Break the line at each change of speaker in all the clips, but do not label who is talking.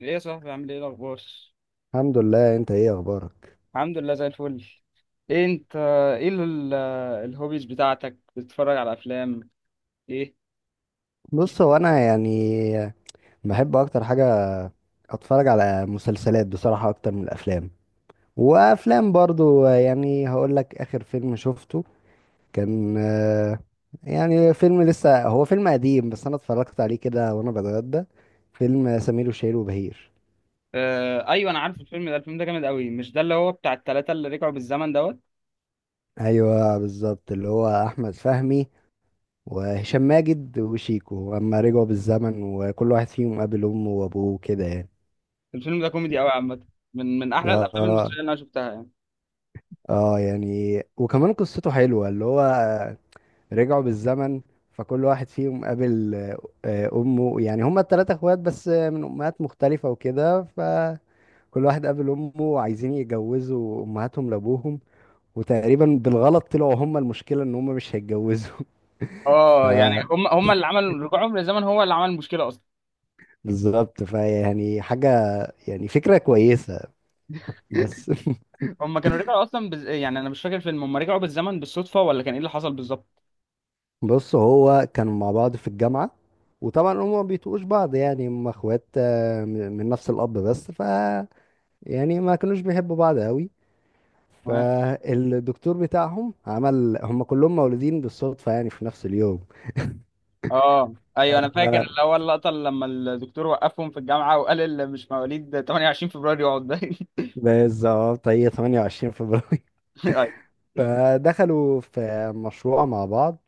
ايه يا صاحبي عامل ايه الاخبار؟
الحمد لله، انت ايه اخبارك؟
الحمد لله زي الفل. ايه انت؟ ايه ال- الهوبيز بتاعتك بتتفرج على افلام؟ ايه
بص، هو انا يعني بحب اكتر حاجه اتفرج على مسلسلات بصراحه اكتر من الافلام، وافلام برضو يعني هقول لك اخر فيلم شفته كان يعني فيلم، لسه هو فيلم قديم بس انا اتفرجت عليه كده وانا بتغدى. فيلم سمير وشهير وبهير.
آه ايوه، انا عارف الفيلم ده. الفيلم ده جامد قوي. مش ده اللي هو بتاع التلاتة اللي رجعوا بالزمن دوت؟
ايوه بالظبط، اللي هو احمد فهمي وهشام ماجد وشيكو اما رجعوا بالزمن وكل واحد فيهم قابل امه وابوه كده يعني.
الفيلم ده كوميدي قوي عامه. من احلى الافلام
اه.
المصريه اللي انا شفتها يعني.
اه يعني، وكمان قصته حلوة، اللي هو رجعوا بالزمن فكل واحد فيهم قابل أمه. يعني هما التلاتة اخوات بس من أمهات مختلفة وكده، فكل واحد قابل أمه وعايزين يتجوزوا أمهاتهم لأبوهم، وتقريبا بالغلط طلعوا هما المشكلة إن هما مش هيتجوزوا.
اه يعني هم اللي عملوا رجوعهم للزمن، هو اللي عمل المشكله اصلا.
فبالظبط، فيعني حاجة، يعني فكرة كويسة بس.
هم كانوا رجعوا اصلا بز... يعني انا مش فاكر الفيلم، هم رجعوا بالزمن بالصدفه ولا كان ايه اللي حصل بالظبط؟
بص هو كانوا مع بعض في الجامعة، وطبعا هما ما بيتقوش بعض، يعني هما اخوات من نفس الأب، بس ف يعني ما كانوش بيحبوا بعض قوي. فالدكتور بتاعهم عمل هما كلهم مولودين بالصدفة يعني في نفس اليوم.
اه ايوه، انا فاكر
ف-
اللي هو اللقطه اللي لما الدكتور وقفهم في الجامعه وقال اللي مش مواليد 28 فبراير يقعد ده.
بالظبط، هي 28 فبراير.
ايوه.
فدخلوا في مشروع مع بعض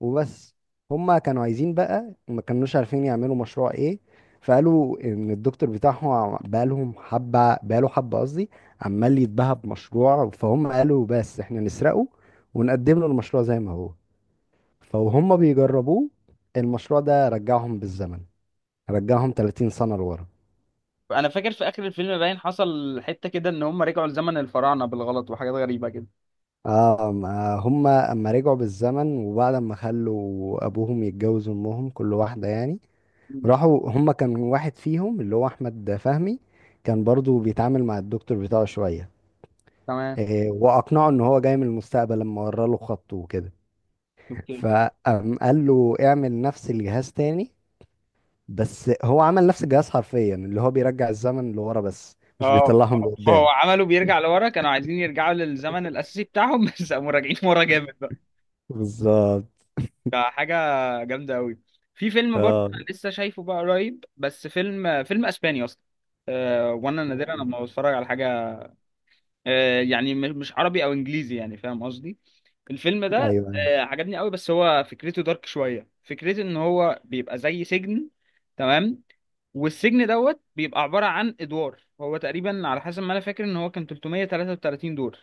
وبس. هما كانوا عايزين بقى، ما كانوش عارفين يعملوا مشروع ايه، فقالوا ان الدكتور بتاعهم بقالهم حبة، بقاله حبة قصدي، عمال يتباهى بمشروع، فهم قالوا بس احنا نسرقه ونقدم له المشروع زي ما هو. فهم بيجربوه، المشروع ده رجعهم بالزمن، رجعهم 30 سنة لورا.
انا فاكر في اخر الفيلم باين حصل حته كده، ان هم رجعوا لزمن الفراعنه بالغلط وحاجات غريبه كده.
اه، ما هم اما رجعوا بالزمن وبعد ما خلوا ابوهم يتجوز امهم كل واحدة يعني،
مم.
راحوا. هما كان واحد فيهم اللي هو احمد فهمي كان برضو بيتعامل مع الدكتور بتاعه شويه.
تمام.
واقنعه ان هو جاي من المستقبل لما ورى له خطه وكده،
اوكي.
فقام قال له اعمل نفس الجهاز تاني. بس هو عمل نفس الجهاز حرفيا، اللي هو بيرجع الزمن لورا بس مش
اه،
بيطلعهم لقدام.
هو عملوا بيرجع لورا، كانوا عايزين يرجعوا للزمن الاساسي بتاعهم بس قاموا راجعين ورا جامد بقى.
بالظبط.
فحاجه جامده قوي. في فيلم برضه
اه.
انا لسه شايفه بقى قريب، بس فيلم اسباني اصلا. وانا نادرا لما بتفرج على حاجه يعني مش عربي او انجليزي، يعني فاهم قصدي. الفيلم
ايوه.
ده
أيوة.
عجبني قوي، بس هو فكرته دارك شويه. فكرته ان هو بيبقى زي سجن. تمام. والسجن دوت بيبقى عباره عن ادوار. هو تقريبا على حسب ما انا فاكر ان هو كان 333 دور.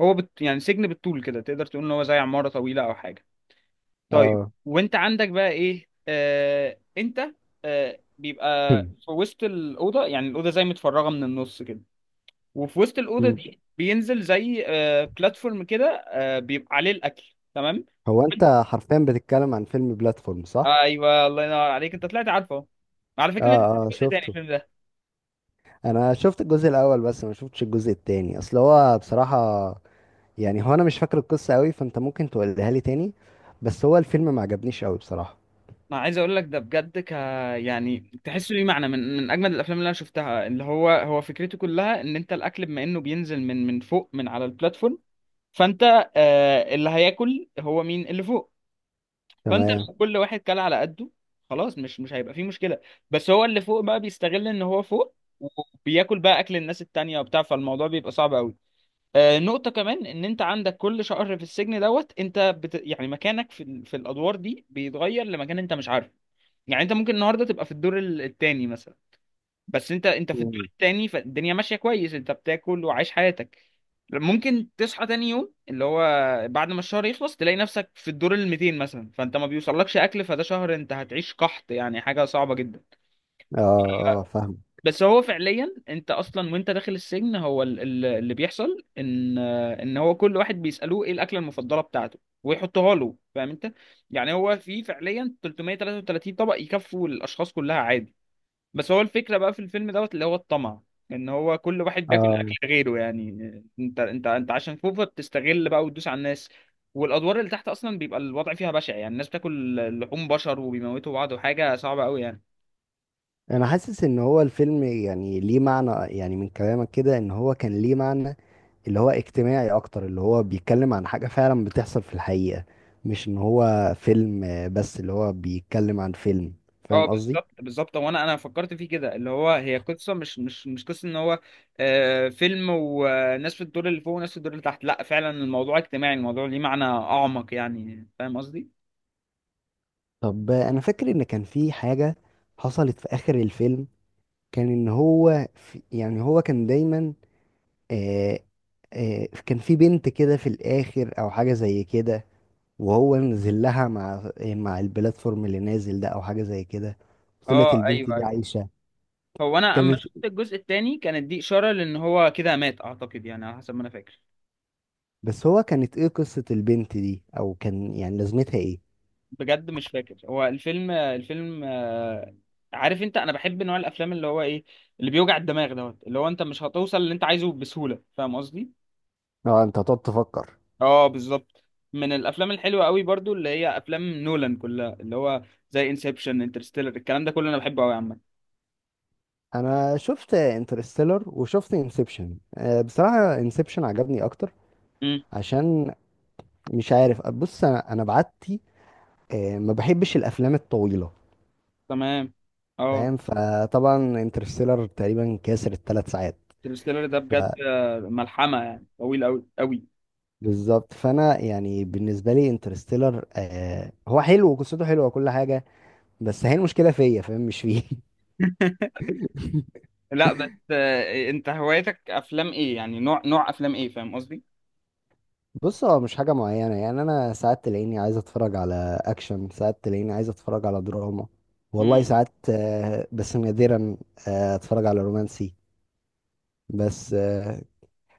يعني سجن بالطول كده، تقدر تقول ان هو زي عماره طويله او حاجه. طيب،
اه.
وانت عندك بقى ايه؟ انت بيبقى في وسط الاوضه، يعني الاوضه زي متفرغه من النص كده. وفي وسط الاوضه دي بينزل زي آه بلاتفورم كده، آه بيبقى عليه الاكل. تمام.
هو انت حرفيا بتتكلم عن فيلم بلاتفورم، صح؟
ايوه، الله ينور عليك، انت طلعت عارفه أهو. على فكره، ليه
اه اه،
جزء تاني
شفته.
الفيلم ده؟
انا شفت الجزء الاول بس ما شفتش الجزء التاني، اصل هو بصراحة، يعني هو انا مش فاكر القصة قوي، فانت ممكن تقولها لي تاني. بس هو الفيلم ما عجبنيش قوي بصراحة.
انا عايز اقول لك ده بجد ك يعني تحسه ليه معنى. من اجمد الافلام اللي انا شفتها. اللي هو فكرته كلها ان انت الاكل بما انه بينزل من فوق من على البلاتفورم. فانت آه اللي هياكل هو مين؟ اللي فوق. فانت
تمام.
لو كل واحد كل على قده، خلاص مش هيبقى فيه مشكله. بس هو اللي فوق بقى بيستغل ان هو فوق، وبياكل بقى اكل الناس التانية وبتاع. فالموضوع بيبقى صعب قوي. آه نقطه كمان، ان انت عندك كل شهر في السجن دوت يعني مكانك في الادوار دي بيتغير لمكان انت مش عارفه. يعني انت ممكن النهارده تبقى في الدور الثاني مثلا، بس انت في الدور
مم.
التاني، فالدنيا ماشيه كويس، انت بتاكل وعايش حياتك. ممكن تصحى تاني يوم اللي هو بعد ما الشهر يخلص تلاقي نفسك في الدور ال 200 مثلا، فانت ما بيوصلكش اكل، فده شهر انت هتعيش قحط، يعني حاجه صعبه جدا.
اه اه، فاهم.
بس هو فعليا انت اصلا وانت داخل السجن هو اللي بيحصل ان هو كل واحد بيسالوه ايه الاكله المفضله بتاعته ويحطها له، فاهم انت. يعني هو في فعليا 333 طبق يكفوا الاشخاص كلها عادي. بس هو الفكرة بقى في الفيلم دوت اللي هو الطمع. ان هو كل واحد بياكل
اه.
اكل غيره يعني. انت عشان فوفا بتستغل بقى وتدوس على الناس. والادوار اللي تحت اصلا بيبقى الوضع فيها بشع، يعني الناس بتاكل لحوم بشر وبيموتوا بعض وحاجة صعبة قوي يعني.
انا حاسس ان هو الفيلم يعني ليه معنى، يعني من كلامك كده ان هو كان ليه معنى اللي هو اجتماعي اكتر، اللي هو بيتكلم عن حاجة فعلا بتحصل في الحقيقة، مش ان هو فيلم بس اللي هو بيتكلم عن فيلم،
اه
فاهم قصدي؟
بالظبط بالظبط. وانا فكرت فيه كده اللي هو هي قصة مش قصة ان هو آه فيلم وناس في الدور اللي فوق وناس في الدور اللي تحت. لا فعلا الموضوع اجتماعي، الموضوع ليه معنى اعمق، يعني فاهم قصدي؟
طب انا فاكر ان كان في حاجة حصلت في اخر الفيلم، كان ان هو في، يعني هو كان دايما آه كان في بنت كده في الاخر او حاجة زي كده، وهو نزل لها مع البلاتفورم اللي نازل ده او حاجة زي كده. طلعت
اه
البنت دي
ايوه.
عايشة.
هو انا اما
كانت.
شفت الجزء الثاني كانت دي اشاره لان هو كده مات اعتقد، يعني على حسب ما انا فاكر.
بس هو كانت ايه قصة البنت دي او كان يعني لازمتها ايه؟
بجد مش فاكر. هو الفيلم الفيلم آه، عارف انت انا بحب نوع الافلام اللي هو ايه؟ اللي بيوجع الدماغ دوت، اللي هو انت مش هتوصل اللي انت عايزه بسهوله، فاهم قصدي.
اه، انت هتقعد تفكر.
اه بالظبط. من الافلام الحلوه قوي برضو اللي هي افلام نولان كلها، اللي هو زي انسبشن، انترستيلر، الكلام ده كله انا بحبه قوي عامه.
انا شفت انترستيلر وشفت انسبشن، بصراحة انسبشن عجبني اكتر.
امم.
عشان مش عارف، بص انا بعتي ما بحبش الافلام الطويله،
تمام. اه،
فاهم؟ فطبعا انترستيلر تقريبا كاسر ال3 ساعات.
انترستيلر ده بجد ملحمه، يعني طويل قوي قوي.
فبالظبط، فانا يعني بالنسبه لي انترستيلر هو حلو وقصته حلوه وكل حاجه، بس هي المشكله فيا، فاهم، مش فيه.
لا بس انت هوايتك افلام ايه، يعني نوع افلام ايه، فاهم قصدي؟
بص هو مش حاجه معينه، يعني انا ساعات تلاقيني عايز اتفرج على اكشن، ساعات تلاقيني عايز اتفرج على دراما.
امم.
والله ساعات بس نادرا اتفرج على رومانسي. بس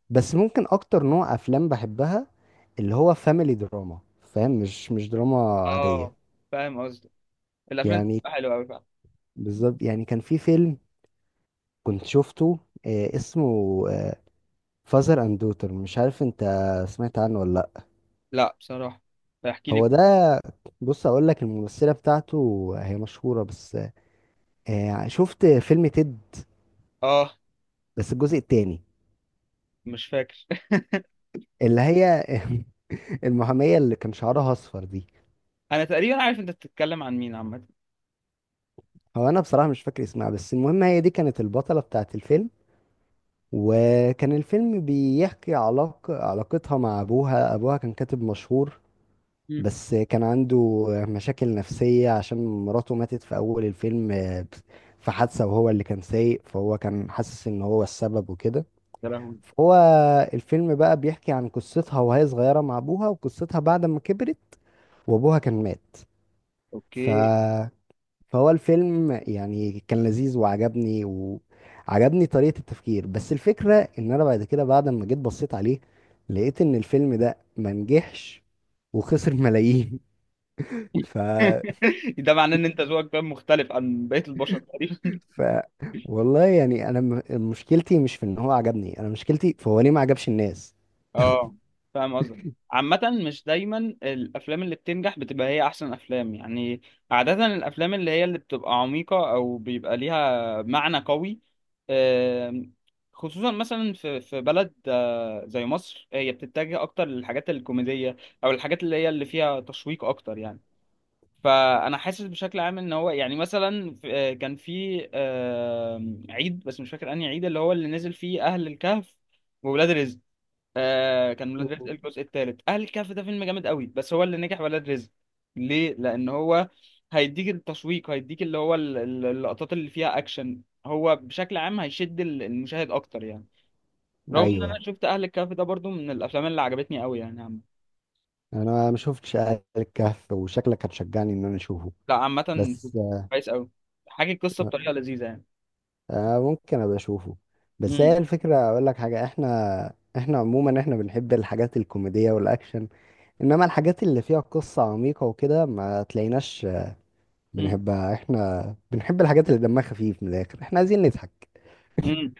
بس ممكن اكتر نوع افلام بحبها اللي هو فاميلي دراما، فاهم؟ مش دراما عادية،
اه فاهم قصدي. الافلام دي
يعني
بتبقى حلوه قوي فعلا.
بالظبط. يعني كان في فيلم كنت شفته اسمه فازر اند دوتر، مش عارف انت سمعت عنه ولا لا.
لا بصراحه، فاحكي
هو
لي.
ده، بص اقول لك، الممثلة بتاعته هي مشهورة، بس شفت فيلم تيد
اه
بس الجزء التاني؟
مش فاكر.
اللي هي المحامية اللي كان شعرها اصفر دي.
انا تقريبا عارف انت بتتكلم عن مين عامه.
هو انا بصراحة مش فاكر اسمها، بس المهم هي دي كانت البطلة بتاعت الفيلم، وكان الفيلم بيحكي علاقة علاقتها مع أبوها. أبوها كان كاتب مشهور
امم.
بس كان عنده مشاكل نفسية عشان مراته ماتت في أول الفيلم في حادثة، وهو اللي كان سايق، فهو كان حاسس إن هو السبب وكده.
يا لهوي.
فهو الفيلم بقى بيحكي عن قصتها وهي صغيرة مع أبوها، وقصتها بعد ما كبرت وأبوها كان مات. ف.
اوكي.
فهو الفيلم يعني كان لذيذ وعجبني، وعجبني طريقة التفكير، بس الفكرة ان انا بعد كده، بعد ما جيت بصيت عليه، لقيت ان الفيلم ده ما نجحش وخسر ملايين. ف...
ده معناه ان انت ذوقك فاهم مختلف عن بقيه البشر.
ف والله يعني انا مشكلتي مش في ان هو عجبني، انا مشكلتي فهو ليه ما عجبش الناس.
اه فاهم قصدك. عامة مش دايما الأفلام اللي بتنجح بتبقى هي أحسن أفلام يعني. عادة الأفلام اللي هي اللي بتبقى عميقة أو بيبقى ليها معنى قوي، آم، خصوصا مثلا في بلد زي مصر، هي بتتجه أكتر للحاجات الكوميدية أو الحاجات اللي هي اللي فيها تشويق أكتر يعني. فأنا حاسس بشكل عام إن هو يعني مثلا كان في عيد بس مش فاكر أنهي عيد، اللي هو اللي نزل فيه أهل الكهف وولاد رزق. آه كان ولاد رزق
مهم.
الجزء الثالث. اهل الكهف ده فيلم جامد قوي، بس هو اللي نجح ولاد رزق. ليه؟ لان هو هيديك التشويق، هيديك اللي هو اللقطات اللي فيها اكشن، هو بشكل عام المشاهد اكتر يعني. رغم ان انا
ايوه.
شفت اهل الكهف ده برضو من الافلام اللي عجبتني قوي يعني عم.
انا ما شفتش آل الكهف وشكلك هتشجعني ان انا اشوفه،
لا عامه
بس
كويس قوي. حاجه القصه بطريقه لذيذه يعني.
ممكن ابقى اشوفه. بس هي
امم.
الفكره اقول لك حاجه، احنا عموما احنا بنحب الحاجات الكوميديه والاكشن، انما الحاجات اللي فيها قصه عميقه وكده ما تلاقيناش
امم
بنحبها، احنا بنحب الحاجات اللي دمها خفيف من الاخر، احنا عايزين نضحك.
امم.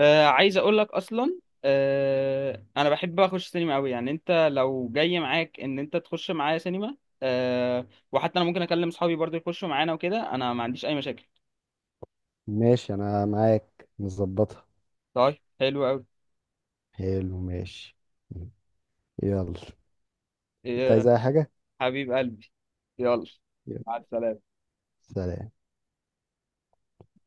آه عايز اقول لك اصلا آه انا بحب اخش سينما قوي، يعني انت لو جاي معاك ان انت تخش معايا سينما آه، وحتى انا ممكن اكلم اصحابي برضه يخشوا معانا وكده، انا ما عنديش اي مشاكل.
ماشي انا معاك نظبطها.
طيب حلو قوي.
حلو ماشي. يلا. انت عايز
آه
اي حاجه؟
حبيب قلبي، يلا،
يلا.
مع السلامة.
سلام.